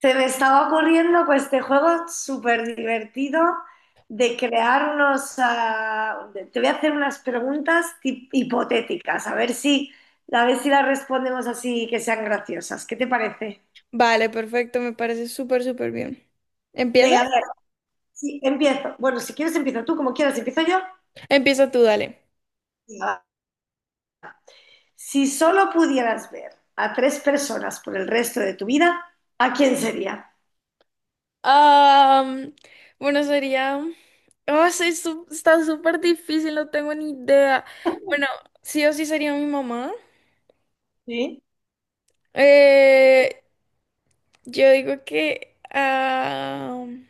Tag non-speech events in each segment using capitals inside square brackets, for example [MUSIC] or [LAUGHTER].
Se me estaba ocurriendo, pues, este juego súper divertido de crear te voy a hacer unas preguntas hipotéticas, a ver si, las respondemos, así que sean graciosas. ¿Qué te parece? Vale, perfecto, me parece súper, súper bien. ¿Empieza? Venga, a ver, sí, empiezo. Bueno, si quieres empiezo tú, como quieras, empiezo yo. Empieza tú, dale. Venga, va. Si solo pudieras ver a tres personas por el resto de tu vida, ¿a quién sería? Am, bueno, sería... Oh, sí, está súper difícil, no tengo ni idea. Bueno, sí o sí sería mi mamá. ¿Sí? Eh, yo digo que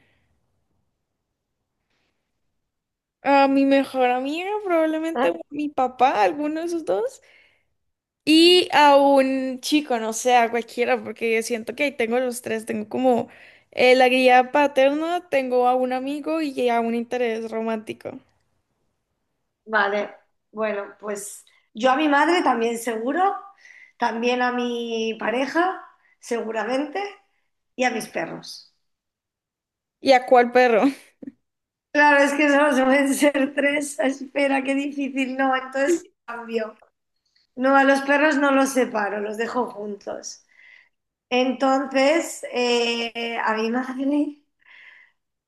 a mi mejor amiga, probablemente o mi papá, alguno de esos dos. Y a un chico, no sé, a cualquiera, porque yo siento que ahí tengo los tres. Tengo como la guía paterna, tengo a un amigo y a un interés romántico. Vale, bueno, pues yo a mi madre también, seguro, también a mi pareja seguramente y a mis perros. ¿Y a cuál perro? [LAUGHS] Claro, es que solo suelen ser tres, espera, qué difícil. No, entonces cambio. No, a los perros no los separo, los dejo juntos. Entonces, a mi madre,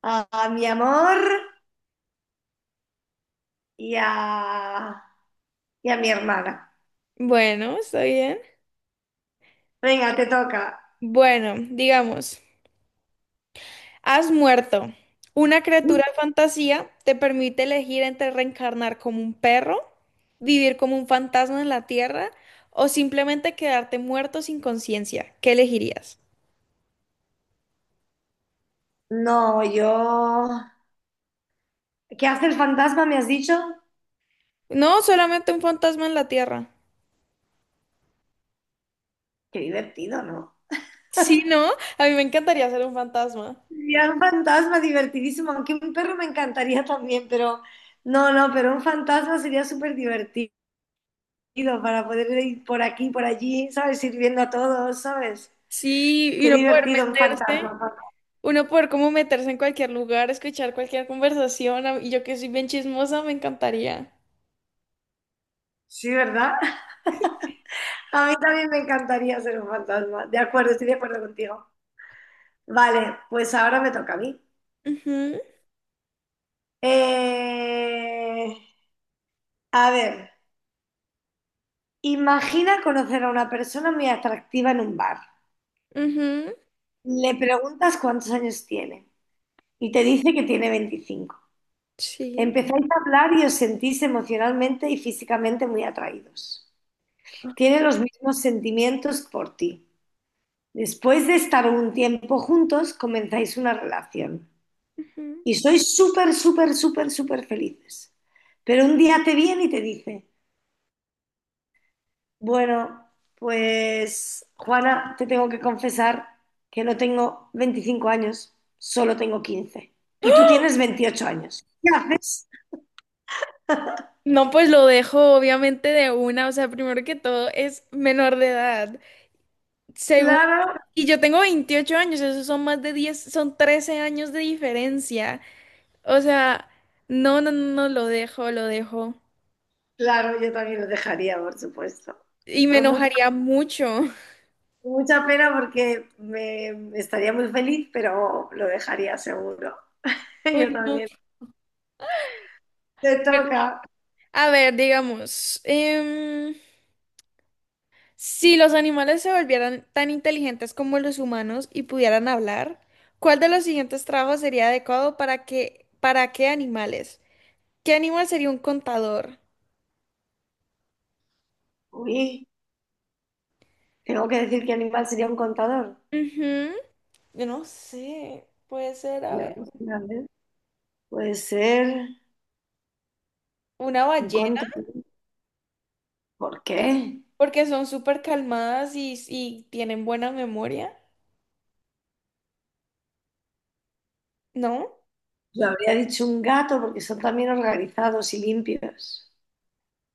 a mi amor y a mi hermana. Bueno, está bien. Venga, te toca. Bueno, digamos, has muerto. Una criatura de fantasía te permite elegir entre reencarnar como un perro, vivir como un fantasma en la tierra o simplemente quedarte muerto sin conciencia. ¿Qué elegirías? No, yo... ¿Qué hace el fantasma? ¿Me has dicho? No, solamente un fantasma en la tierra. Qué divertido, ¿no? Sí, ¿no? A mí me encantaría ser un fantasma. Ya, un fantasma divertidísimo, aunque un perro me encantaría también, pero no, no, pero un fantasma sería súper divertido para poder ir por aquí, por allí, ¿sabes? Sirviendo a todos, ¿sabes? Sí, y Qué uno poder divertido un meterse, fantasma, ¿no? uno poder como meterse en cualquier lugar, escuchar cualquier conversación, y yo que soy bien chismosa, me encantaría. Sí, ¿verdad? [LAUGHS] A mí también me encantaría ser un fantasma. De acuerdo, estoy de acuerdo contigo. Vale, pues ahora me toca a mí. Ujú, Eh, a ver, imagina conocer a una persona muy atractiva en un bar. ujú, Le preguntas cuántos años tiene y te dice que tiene 25. sí. Empezáis a hablar y os sentís emocionalmente y físicamente muy atraídos. Tiene los mismos sentimientos por ti. Después de estar un tiempo juntos, comenzáis una relación Ujú. y sois súper, súper, súper, súper felices. Pero un día te viene y te dice: bueno, pues Juana, te tengo que confesar que no tengo 25 años, solo tengo 15. Y tú tienes 28 años. ¿Qué haces? No, pues lo dejo obviamente de una, o sea, primero que todo es menor de edad. Segundo, Claro, y yo tengo 28 años, esos son más de 10, son 13 años de diferencia. O sea, no, lo dejo, lo dejo. claro, yo también lo dejaría, por supuesto. Y me Con mucha, enojaría mucho. [LAUGHS] con mucha pena, porque me estaría muy feliz, pero lo dejaría seguro. [LAUGHS] Uy, Yo no. también. Te Bueno, toca. a ver, digamos, si los animales se volvieran tan inteligentes como los humanos y pudieran hablar, ¿cuál de los siguientes trabajos sería adecuado para qué animales? ¿Qué animal sería un contador? Uy, tengo que decir qué animal sería un contador. Ujú. Yo no sé, puede ser, a Yo ver, no sé, a ver, puede ser una un ballena, contador. ¿Por qué? porque son súper calmadas y tienen buena memoria, ¿no? Yo habría dicho un gato, porque son también organizados y limpios.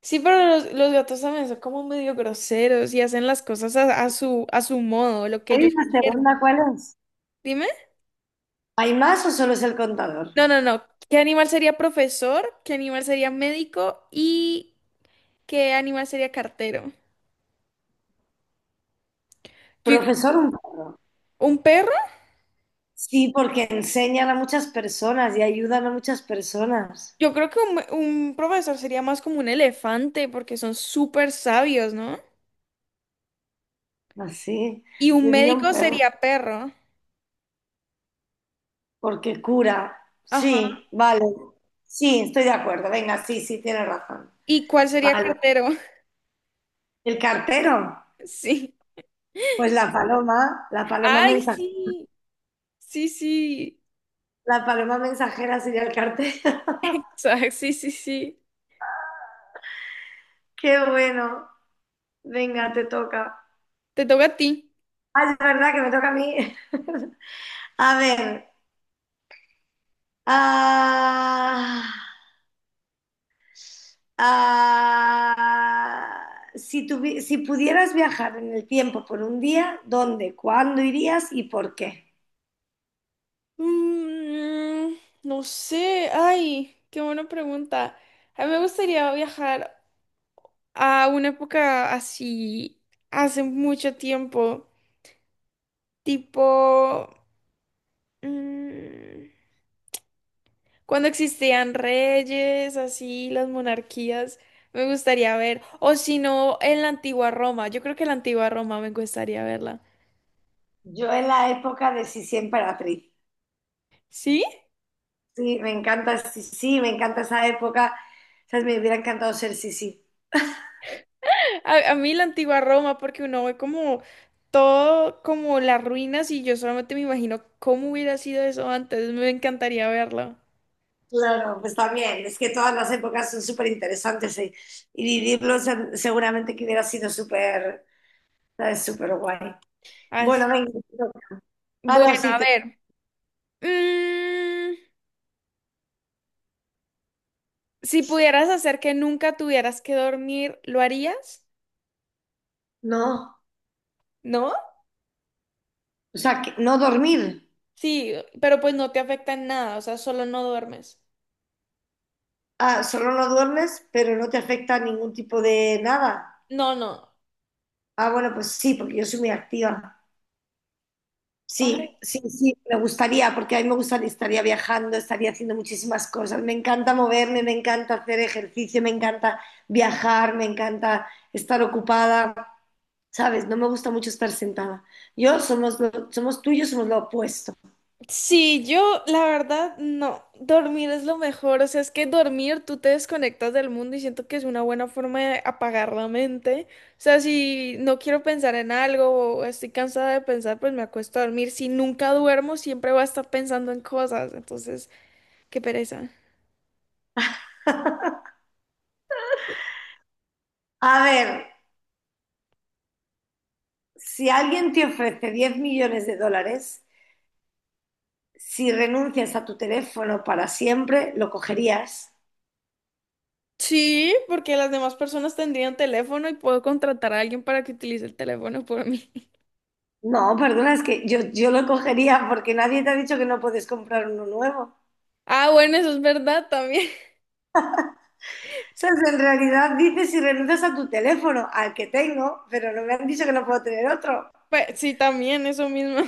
Sí, pero los gatos también son como medio groseros y hacen las cosas a su modo, lo que ¿Y ellos... la segunda cuál es? Dime. ¿Hay más o solo es el contador? No. ¿Qué animal sería profesor? ¿Qué animal sería médico? ¿Y qué animal sería cartero? Yo digo, Profesor, un perro. ¿un perro? Sí, porque enseñan a muchas personas y ayudan a muchas personas. Yo creo que un profesor sería más como un elefante porque son súper sabios, ¿no? Así, Y un yo diría un médico perro, sería perro. porque cura. Ajá. Sí, vale. Sí, estoy de acuerdo. Venga, sí, sí, tienes razón. ¿Y cuál sería Vale. cartero? [LAUGHS] ¿El cartero? Sí. Pues Ay, sí. Sí, sí. [LAUGHS] la paloma mensajera sería el cartero. [LAUGHS] O sí, sí, sí. Qué bueno. Venga, te toca. Te toca a ti. Ah, es verdad que me toca a mí. [LAUGHS] A ver. ah, si pudieras viajar en el tiempo por un día, ¿dónde, cuándo irías y por qué? Mm, no sé, ay, qué buena pregunta. A mí me gustaría viajar a una época así, hace mucho tiempo, tipo, mm, cuando existían reyes, así, las monarquías, me gustaría ver, o si no, en la antigua Roma, yo creo que la antigua Roma me gustaría verla. Yo en la época de Sisi Emperatriz. ¿Sí? Sí, me encanta Sisi, me encanta esa época. ¿Sabes? Me hubiera encantado ser Sisi. A mí la antigua Roma, porque uno ve como todo, como las ruinas, y yo solamente me imagino cómo hubiera sido eso antes. Me encantaría verlo. Claro, pues también. Es que todas las épocas son súper interesantes y vivirlos, seguramente que hubiera sido súper, ¿sabes? Súper guay. Así. Bueno, venga. Ah, Bueno, no, sí, a ver. Mm, si pudieras hacer que nunca tuvieras que dormir, ¿lo harías? no. ¿No? O sea, que no dormir. Sí, pero pues no te afecta en nada, o sea, solo no duermes. Ah, solo no duermes, pero no te afecta ningún tipo de nada. No, no. Ah, bueno, pues sí, porque yo soy muy activa. Ay, Sí, sí, sí, me gustaría, porque a mí me gustaría, estaría viajando, estaría haciendo muchísimas cosas. Me encanta moverme, me encanta hacer ejercicio, me encanta viajar, me encanta estar ocupada, ¿sabes? No me gusta mucho estar sentada. Yo somos, somos tú y yo, somos lo opuesto. sí, yo la verdad no, dormir es lo mejor, o sea, es que dormir tú te desconectas del mundo y siento que es una buena forma de apagar la mente, o sea, si no quiero pensar en algo o estoy cansada de pensar, pues me acuesto a dormir, si nunca duermo siempre voy a estar pensando en cosas, entonces, qué pereza. A ver, si alguien te ofrece 10 millones de dólares si renuncias a tu teléfono para siempre, ¿lo cogerías? Sí, porque las demás personas tendrían teléfono y puedo contratar a alguien para que utilice el teléfono por mí. [LAUGHS] No, perdona, es que yo lo cogería, porque nadie te ha dicho que no puedes comprar uno nuevo. O Ah, bueno, eso es verdad también. [LAUGHS] sea, en realidad dices si renuncias a tu teléfono, al que tengo, pero no me han dicho que no puedo tener otro, Pues sí, también, eso mismo.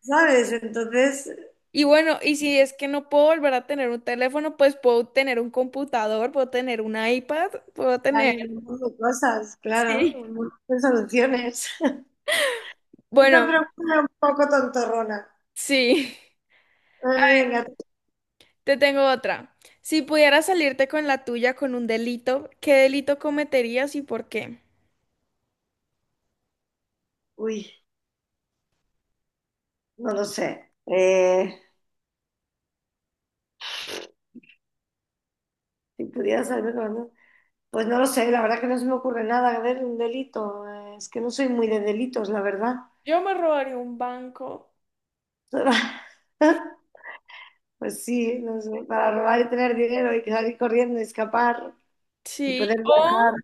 ¿sabes? Entonces, Y bueno, y si es que no puedo volver a tener un teléfono, pues puedo tener un computador, puedo tener un iPad, puedo tener... hay un [LAUGHS] montón de cosas, claro, Sí. un montón de soluciones. [LAUGHS] Esta Bueno, pregunta es un poco tontorrona. sí. Eh, Venga. Te tengo otra. Si pudieras salirte con la tuya con un delito, ¿qué delito cometerías y por qué? Uy, no lo sé. Si pudieras haberme comido... Pues no lo sé, la verdad, que no se me ocurre nada. A ver, un delito. Es que no soy muy de delitos, la verdad. Yo me robaría un banco. [LAUGHS] Pues sí, no sé, para robar y tener dinero y salir corriendo, y escapar y Sí, poder viajar.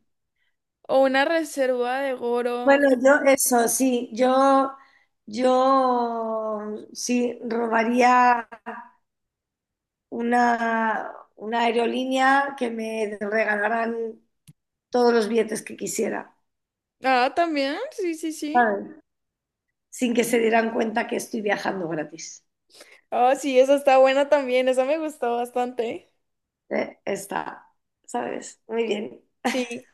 o una reserva de oro. Bueno, yo eso, sí, yo sí robaría una, aerolínea, que me regalaran todos los billetes que quisiera, Ah, también, sí, sí, sí. ¿sabes? Sin que se dieran cuenta que estoy viajando gratis. Ah, sí, esa está buena también, esa me gustó bastante. Está, ¿sabes? Muy bien. Sí.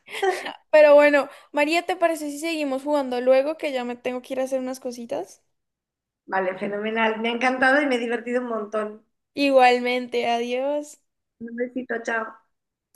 Pero bueno, María, ¿te parece si seguimos jugando luego que ya me tengo que ir a hacer unas cositas? Vale, fenomenal. Me ha encantado y me he divertido un montón. Igualmente, adiós. Un besito, chao.